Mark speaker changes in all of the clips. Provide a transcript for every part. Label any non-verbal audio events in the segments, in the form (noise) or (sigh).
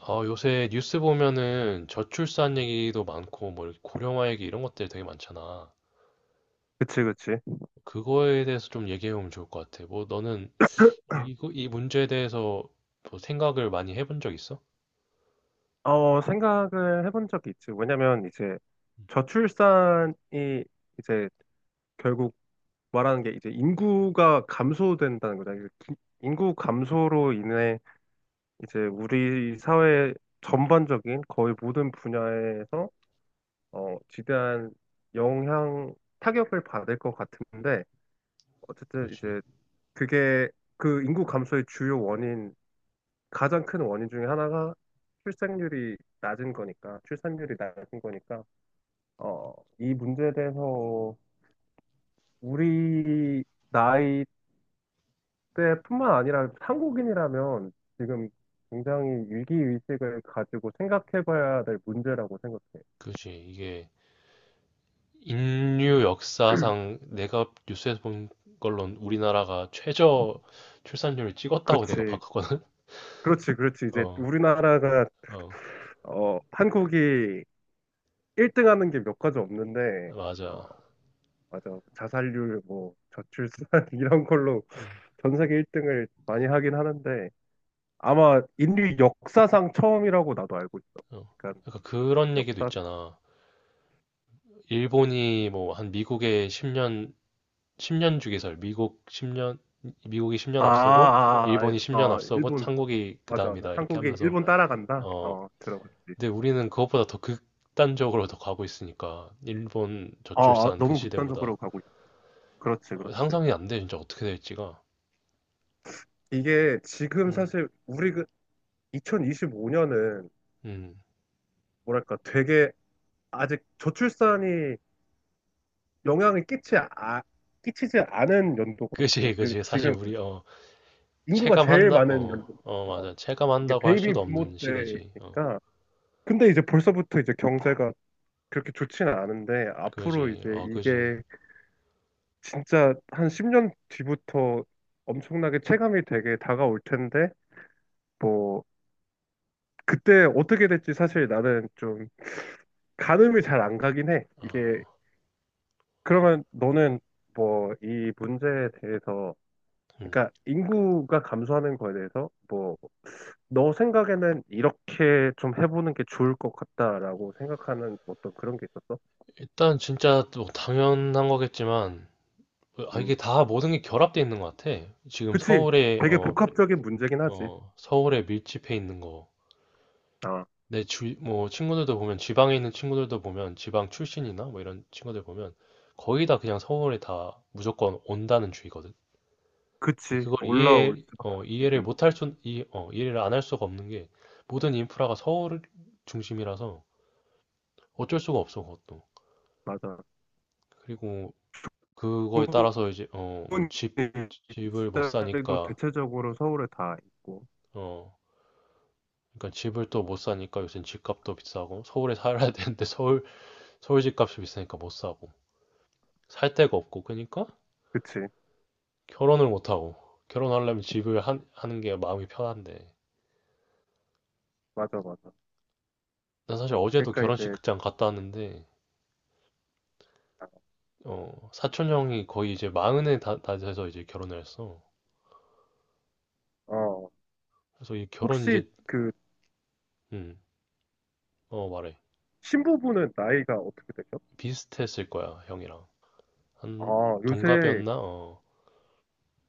Speaker 1: 요새 뉴스 보면은 저출산 얘기도 많고, 뭐, 이렇게 고령화 얘기 이런 것들 되게 많잖아.
Speaker 2: 그치, 그치.
Speaker 1: 그거에 대해서 좀 얘기해보면 좋을 것 같아. 뭐, 너는 이 문제에 대해서 뭐 생각을 많이 해본 적 있어?
Speaker 2: 생각을 해본 적이 있지. 왜냐면 이제 저출산이 이제 결국 말하는 게 이제 인구가 감소된다는 거잖아. 인구 감소로 인해 이제 우리 사회 전반적인 거의 모든 분야에서 지대한 영향, 타격을 받을 것 같은데 어쨌든
Speaker 1: 그지?
Speaker 2: 이제 그게 그 인구 감소의 주요 원인 가장 큰 원인 중에 하나가 출생률이 낮은 거니까, 출산율이 낮은 거니까, 어, 이 문제에 대해서 우리 나이 때뿐만 아니라 한국인이라면 지금 굉장히 위기의식을 가지고 생각해봐야 될 문제라고 생각해.
Speaker 1: 그지. 이게 인류 역사상 내가 뉴스에서 본 걸로는 우리나라가 최저 출산율을 찍었다고 내가
Speaker 2: 그렇지,
Speaker 1: 봤거든?
Speaker 2: 그렇지, 그렇지.
Speaker 1: (laughs)
Speaker 2: 이제
Speaker 1: 어,
Speaker 2: 우리나라가,
Speaker 1: 어,
Speaker 2: 한국이 1등 하는 게 몇 가지 없는데, 어,
Speaker 1: 맞아.
Speaker 2: 맞아. 자살률, 뭐, 저출산, (laughs) 이런 걸로
Speaker 1: 음,
Speaker 2: 전 세계 1등을 많이 하긴 하는데, 아마 인류 역사상 처음이라고 나도 알고 있어.
Speaker 1: 어.
Speaker 2: 그러니까
Speaker 1: 약간 그런 얘기도
Speaker 2: 역사상
Speaker 1: 있잖아. 일본이 뭐 한 미국의 10년 10년 주기설. 미국 10년, 미국이 10년
Speaker 2: 아,
Speaker 1: 앞서고,
Speaker 2: 아,
Speaker 1: 일본이
Speaker 2: 아,
Speaker 1: 10년 앞서고,
Speaker 2: 일본
Speaker 1: 한국이 그
Speaker 2: 맞아 맞아.
Speaker 1: 다음이다. 이렇게
Speaker 2: 한국이
Speaker 1: 하면서,
Speaker 2: 일본 따라간다.
Speaker 1: 어,
Speaker 2: 들어갔지.
Speaker 1: 근데 우리는 그것보다 더 극단적으로 더 가고 있으니까, 일본
Speaker 2: 아, 아,
Speaker 1: 저출산 그
Speaker 2: 너무 극단적으로
Speaker 1: 시대보다.
Speaker 2: 가고 있어. 그렇지, 그렇지.
Speaker 1: 상상이 안 돼, 진짜 어떻게 될지가.
Speaker 2: 이게 지금
Speaker 1: 음,
Speaker 2: 사실 우리 그 2025년은
Speaker 1: 음.
Speaker 2: 뭐랄까 되게 아직 저출산이 영향을 끼치지 않은 연도거든.
Speaker 1: 그지,
Speaker 2: 우리
Speaker 1: 그지. 사실
Speaker 2: 지금
Speaker 1: 우리,
Speaker 2: 인구가 제일
Speaker 1: 체감한다,
Speaker 2: 많은 연도거든.
Speaker 1: 맞아.
Speaker 2: 이게
Speaker 1: 체감한다고 할 수도
Speaker 2: 베이비 부모
Speaker 1: 없는 시대지. 어,
Speaker 2: 때니까 근데 이제 벌써부터 이제 경제가 그렇게 좋지는 않은데 앞으로
Speaker 1: 그지,
Speaker 2: 이제
Speaker 1: 어, 그지.
Speaker 2: 이게 진짜 한 10년 뒤부터 엄청나게 체감이 되게 다가올 텐데 뭐 그때 어떻게 될지 사실 나는 좀 가늠이 잘 안 가긴 해. 이게
Speaker 1: 어,
Speaker 2: 그러면 너는 뭐 이 문제에 대해서
Speaker 1: 음.
Speaker 2: 그러니까 인구가 감소하는 거에 대해서 뭐 너 생각에는 이렇게 좀 해보는 게 좋을 것 같다라고 생각하는 어떤 그런 게 있었어?
Speaker 1: 일단 진짜 또 당연한 거겠지만, 이게
Speaker 2: 음.
Speaker 1: 다 모든 게 결합돼 있는 것 같아. 지금
Speaker 2: 그치.
Speaker 1: 서울에
Speaker 2: 되게
Speaker 1: 어,
Speaker 2: 복합적인 문제긴 하지.
Speaker 1: 어, 서울에 밀집해 있는 거.
Speaker 2: 아,
Speaker 1: 뭐 친구들도 보면 지방에 있는 친구들도 보면 지방 출신이나 뭐 이런 친구들 보면 거의 다 그냥 서울에 다 무조건 온다는 주의거든. 근데
Speaker 2: 그치.
Speaker 1: 그걸
Speaker 2: 올라올 수밖에 돼
Speaker 1: 이해를 못할
Speaker 2: 있지.
Speaker 1: 수 이, 어, 이해를 안 할 수가 없는 게 모든 인프라가 서울 중심이라서 어쩔 수가 없어 그것도.
Speaker 2: 맞아.
Speaker 1: 그리고 그거에
Speaker 2: 부모님
Speaker 1: 따라서 이제 뭐 집을 못
Speaker 2: 일자리도
Speaker 1: 사니까
Speaker 2: 대체적으로 서울에 다 있고.
Speaker 1: 어, 그러니까 집을 또 못 사니까 요새 집값도 비싸고 서울에 살아야 (laughs) 되는데 서울 집값이 비싸니까 못 사고 살 데가 없고 그러니까
Speaker 2: 그치.
Speaker 1: 결혼을 못 하고 결혼하려면 집을 하는 게 마음이 편한데
Speaker 2: 맞아, 맞아.
Speaker 1: 난 사실 어제도
Speaker 2: 그러니까
Speaker 1: 결혼식
Speaker 2: 이제,
Speaker 1: 극장 갔다 왔는데
Speaker 2: 아,
Speaker 1: 사촌 형이 거의 이제 마흔에 다 돼서 이제 결혼을 했어.
Speaker 2: 어,
Speaker 1: 그래서 이 결혼
Speaker 2: 혹시
Speaker 1: 이제
Speaker 2: 그
Speaker 1: 음어 말해.
Speaker 2: 신부분은 나이가 어떻게 되죠?
Speaker 1: 비슷했을 거야 형이랑 한
Speaker 2: 아, 요새,
Speaker 1: 동갑이었나. 어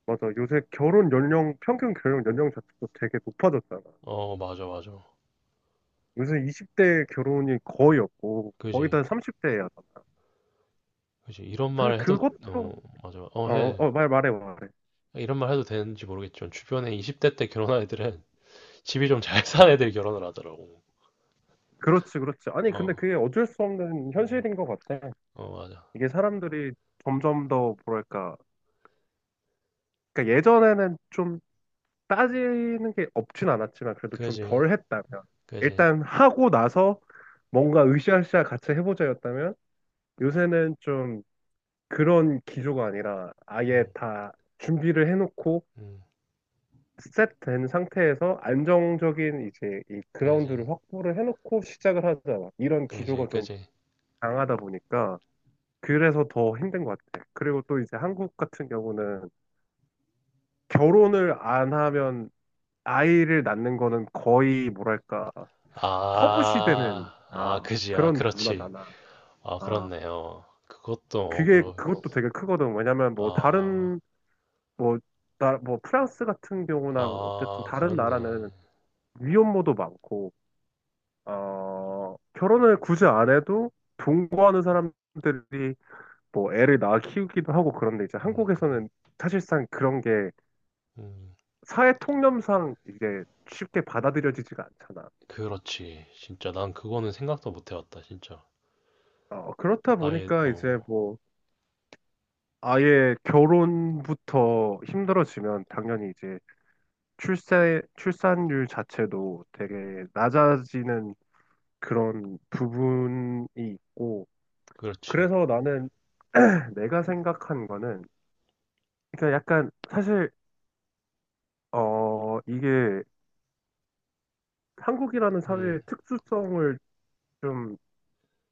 Speaker 2: 맞아. 요새 결혼 연령, 평균 결혼 연령 자체도 되게 높아졌잖아.
Speaker 1: 어 맞아 맞아.
Speaker 2: 요새 20대 결혼이 거의 없고, 거의
Speaker 1: 그지
Speaker 2: 다 30대야.
Speaker 1: 그지. 이런
Speaker 2: 사실
Speaker 1: 말 해도 어
Speaker 2: 그것도,
Speaker 1: 맞아 어해
Speaker 2: 말해.
Speaker 1: 이런 말 해도 되는지 모르겠지만 주변에 20대 때 결혼한 애들은 집이 좀 잘 사는 애들이 결혼을 하더라고.
Speaker 2: 그렇지, 그렇지. 아니,
Speaker 1: 어,
Speaker 2: 근데 그게 어쩔 수 없는
Speaker 1: 음,
Speaker 2: 현실인 것 같아.
Speaker 1: 어 맞아.
Speaker 2: 이게 사람들이 점점 더, 뭐랄까. 그러니까 예전에는 좀 따지는 게 없진 않았지만, 그래도 좀
Speaker 1: 그지,
Speaker 2: 덜 했다면.
Speaker 1: 그지,
Speaker 2: 일단 하고 나서 뭔가 으쌰으쌰 같이 해보자였다면, 요새는 좀 그런 기조가 아니라 아예
Speaker 1: 음,
Speaker 2: 다 준비를 해놓고,
Speaker 1: 음,
Speaker 2: 셋된 상태에서 안정적인 이제 이
Speaker 1: 그지,
Speaker 2: 그라운드를 확보를 해놓고 시작을 하잖아. 이런
Speaker 1: 그지,
Speaker 2: 기조가 좀
Speaker 1: 그지.
Speaker 2: 강하다 보니까. 그래서 더 힘든 것 같아. 그리고 또 이제 한국 같은 경우는 결혼을 안 하면 아이를 낳는 거는 거의 뭐랄까
Speaker 1: 아,
Speaker 2: 터부시 되는
Speaker 1: 아, 그지야,
Speaker 2: 그런
Speaker 1: 그렇지.
Speaker 2: 문화잖아.
Speaker 1: 아,
Speaker 2: 아
Speaker 1: 그렇네요. 그것도
Speaker 2: 그게 그것도 되게 크거든. 왜냐면 뭐
Speaker 1: 아,
Speaker 2: 다른 뭐 나 뭐 프랑스 같은 경우나 어쨌든
Speaker 1: 아,
Speaker 2: 다른 나라는
Speaker 1: 그렇네.
Speaker 2: 위혼모도 많고 결혼을 굳이 안 해도 동거하는 사람들이 뭐 애를 낳아 키우기도 하고 그런데 이제
Speaker 1: 음,
Speaker 2: 한국에서는 사실상 그런 게
Speaker 1: 음,
Speaker 2: 사회 통념상 이게 쉽게 받아들여지지가 않잖아.
Speaker 1: 그렇지. 진짜 난 그거는 생각도 못 해봤다, 진짜.
Speaker 2: 그렇다
Speaker 1: 아예,
Speaker 2: 보니까 이제
Speaker 1: 어,
Speaker 2: 뭐 아예 결혼부터 힘들어지면 당연히 이제 출산율 자체도 되게 낮아지는 그런 부분이 있고
Speaker 1: 그렇지.
Speaker 2: 그래서 나는 (clears throat) (laughs) 내가 생각한 거는 그러니까 약간 사실 이게 한국이라는
Speaker 1: 음,
Speaker 2: 사회의 특수성을 좀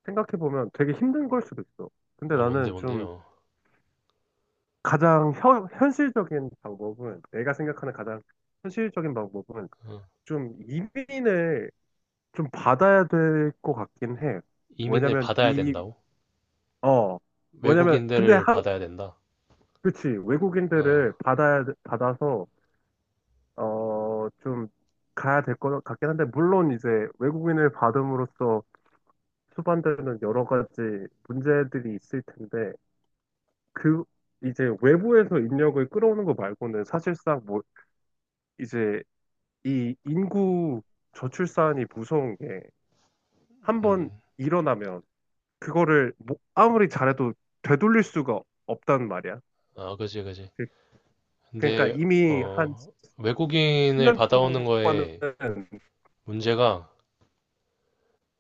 Speaker 2: 생각해 보면 되게 힘든 걸 수도 있어. 근데
Speaker 1: 어,
Speaker 2: 나는 좀
Speaker 1: 뭔데요?
Speaker 2: 가장 현실적인 방법은 내가 생각하는 가장 현실적인 방법은
Speaker 1: 어.
Speaker 2: 좀 이민을 좀 받아야 될 것 같긴 해.
Speaker 1: 이민을
Speaker 2: 왜냐면
Speaker 1: 받아야
Speaker 2: 이,
Speaker 1: 된다고?
Speaker 2: 어, 왜냐면 근데
Speaker 1: 외국인들을 받아야 된다.
Speaker 2: 그치
Speaker 1: 어,
Speaker 2: 외국인들을 받아야 받아서 좀 가야 될 것 같긴 한데 물론 이제 외국인을 받음으로써 수반되는 여러 가지 문제들이 있을 텐데 그 이제 외부에서 인력을 끌어오는 거 말고는 사실상 뭐 이제 이 인구 저출산이 무서운 게 한 번
Speaker 1: 음,
Speaker 2: 일어나면 그거를 뭐 아무리 잘해도 되돌릴 수가 없단 말이야.
Speaker 1: 아, 그지, 그지.
Speaker 2: 그- 그러니까
Speaker 1: 근데,
Speaker 2: 이미 한
Speaker 1: 어, 외국인을
Speaker 2: 10년
Speaker 1: 받아오는
Speaker 2: 동안은
Speaker 1: 거에 문제가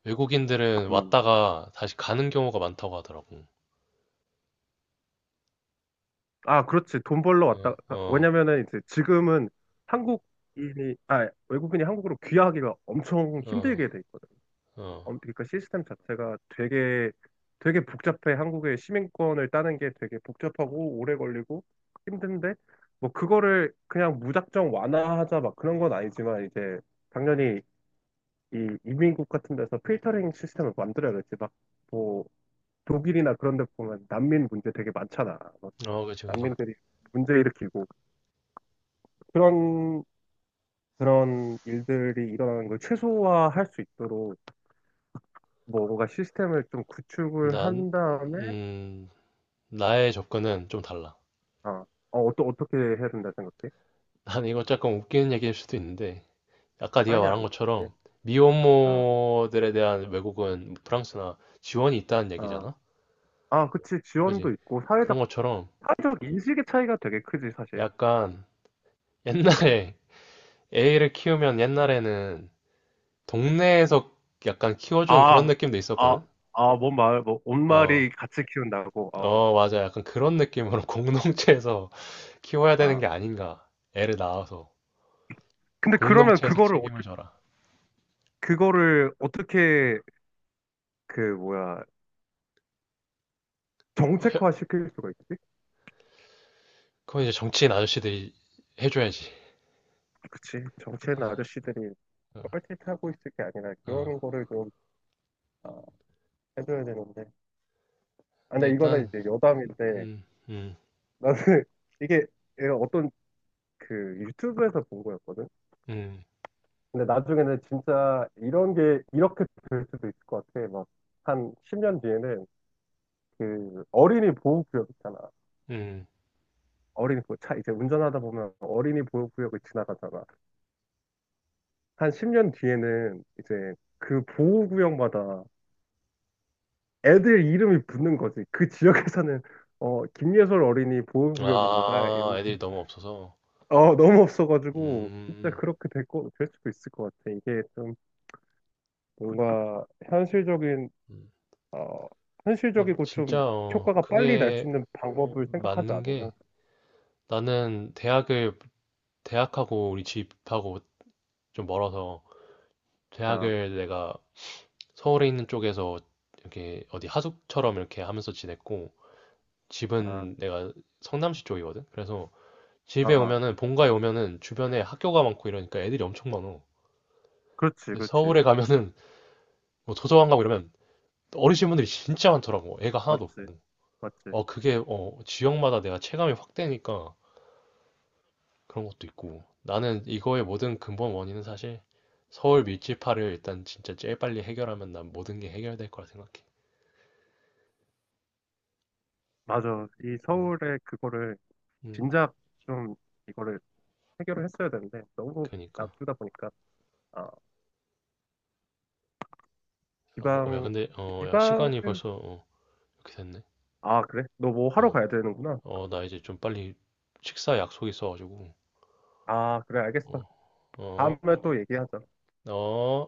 Speaker 1: 외국인들은
Speaker 2: 음,
Speaker 1: 왔다가 다시 가는 경우가 많다고 하더라고.
Speaker 2: 아 그렇지 돈 벌러 왔다.
Speaker 1: 어,
Speaker 2: 아,
Speaker 1: 어,
Speaker 2: 왜냐면은 이제 지금은 한국인이 아 외국인이 한국으로 귀화하기가 엄청
Speaker 1: 어,
Speaker 2: 힘들게 돼 있거든.
Speaker 1: 어,
Speaker 2: 그러니까 시스템 자체가 되게 되게 복잡해. 한국의 시민권을 따는 게 되게 복잡하고 오래 걸리고 힘든데 뭐 그거를 그냥 무작정 완화하자 막 그런 건 아니지만 이제 당연히 이 이민국 같은 데서 필터링 시스템을 만들어야겠지. 막 뭐 독일이나 그런 데 보면 난민 문제 되게 많잖아. 뭐
Speaker 1: 어, 그지, 그지.
Speaker 2: 난민들이 문제 일으키고 그런 그런 일들이 일어나는 걸 최소화할 수 있도록 뭐 뭔가 시스템을 좀 구축을
Speaker 1: 난,
Speaker 2: 한 다음에
Speaker 1: 음, 나의 접근은 좀 달라.
Speaker 2: 어, 어, 어떻게 해야 된다 생각해?
Speaker 1: 난 이거 조금 웃기는 얘기일 수도 있는데, 아까 네가
Speaker 2: 아니야,
Speaker 1: 말한
Speaker 2: 아니야.
Speaker 1: 것처럼
Speaker 2: 아,
Speaker 1: 미혼모들에 대한 외국은 프랑스나 지원이 있다는
Speaker 2: 아,
Speaker 1: 얘기잖아?
Speaker 2: 아, 그치. 지원도
Speaker 1: 그지?
Speaker 2: 있고,
Speaker 1: 그런 것처럼
Speaker 2: 사회적 인식의 차이가 되게 크지, 사실.
Speaker 1: 약간 옛날에 (laughs) 애를 키우면 옛날에는 동네에서 약간 키워주는 그런
Speaker 2: 아,
Speaker 1: 느낌도
Speaker 2: 아,
Speaker 1: 있었거든?
Speaker 2: 아, 뭔 말, 뭐,
Speaker 1: 어,
Speaker 2: 온말이 같이 키운다고,
Speaker 1: 어, 맞아. 약간 그런 느낌으로 (laughs) 공동체에서 키워야 되는
Speaker 2: 아.
Speaker 1: 게 아닌가. 애를 낳아서.
Speaker 2: 근데 그러면
Speaker 1: 공동체에서 책임을 져라.
Speaker 2: 그거를 어떻게, 그, 뭐야,
Speaker 1: 어, 혀-
Speaker 2: 정책화 시킬 수가 있지?
Speaker 1: 그건 이제 정치인 아저씨들이 해줘야지.
Speaker 2: 그치. 정치하는 아저씨들이
Speaker 1: 어,
Speaker 2: 뻘짓하고 있을 게 아니라
Speaker 1: 어.
Speaker 2: 그런 거를 좀 아, 해줘야 되는데. 아,
Speaker 1: 근데
Speaker 2: 근데 이거는
Speaker 1: 일단,
Speaker 2: 이제 여담인데
Speaker 1: 음, 음,
Speaker 2: 나는 (laughs) 이게 얘가 어떤 그 유튜브에서 본 거였거든.
Speaker 1: 음,
Speaker 2: 근데 나중에는 진짜 이런 게 이렇게 될 수도 있을 것 같아. 막 한 10년 뒤에는 그 어린이 보호구역 있잖아.
Speaker 1: 음.
Speaker 2: 차 이제 운전하다 보면 어린이 보호구역을 지나가잖아. 한 10년 뒤에는 이제 그 보호구역마다 애들 이름이 붙는 거지. 그 지역에서는 김예솔 어린이 보호구역입니다.
Speaker 1: 아,
Speaker 2: 이러면서
Speaker 1: 애들이 너무 없어서.
Speaker 2: 너무 없어가지고 진짜
Speaker 1: 음.
Speaker 2: 그렇게 될 수도 있을 것 같아. 이게 좀 뭔가
Speaker 1: 음.
Speaker 2: 어,
Speaker 1: 근데
Speaker 2: 현실적이고 좀
Speaker 1: 진짜
Speaker 2: 효과가 빨리 날 수
Speaker 1: 그게
Speaker 2: 있는 방법을 생각하지
Speaker 1: 맞는
Speaker 2: 않으면
Speaker 1: 게 나는 대학을 대학하고 우리 집하고 좀 멀어서
Speaker 2: 나,
Speaker 1: 대학을 내가 서울에 있는 쪽에서 이렇게 어디 하숙처럼 이렇게 하면서 지냈고
Speaker 2: 나,
Speaker 1: 집은 내가 성남시 쪽이거든. 그래서
Speaker 2: 아,
Speaker 1: 집에
Speaker 2: 아,
Speaker 1: 오면은 본가에 오면은 주변에 학교가 많고 이러니까 애들이 엄청 많어.
Speaker 2: 그렇지,
Speaker 1: 근데
Speaker 2: 그렇지,
Speaker 1: 서울에 가면은 뭐 도서관 가고 이러면 어르신 분들이 진짜 많더라고. 애가 하나도 없고.
Speaker 2: 맞지, 맞지,
Speaker 1: 어 그게 어 지역마다 내가 체감이 확 되니까 그런 것도 있고. 나는 이거의 모든 근본 원인은 사실 서울 밀집화를 일단 진짜 제일 빨리 해결하면 난 모든 게 해결될 거라 생각해.
Speaker 2: 맞아. 이
Speaker 1: 음,
Speaker 2: 서울에 그거를
Speaker 1: 음,
Speaker 2: 진작 좀 이거를 해결을 했어야 되는데 너무
Speaker 1: 그러니까.
Speaker 2: 놔두다 보니까 아,
Speaker 1: 아, 야,
Speaker 2: 지방,
Speaker 1: 근데 야, 시간이
Speaker 2: 지방은
Speaker 1: 벌써 이렇게 됐네.
Speaker 2: 아, 그래? 너 뭐 하러
Speaker 1: 어,
Speaker 2: 가야 되는구나.
Speaker 1: 어, 나 이제 좀 빨리 식사 약속 있어가지고.
Speaker 2: 아, 그래,
Speaker 1: 어,
Speaker 2: 알겠어. 다음에
Speaker 1: 어,
Speaker 2: 또 얘기하자.
Speaker 1: 어.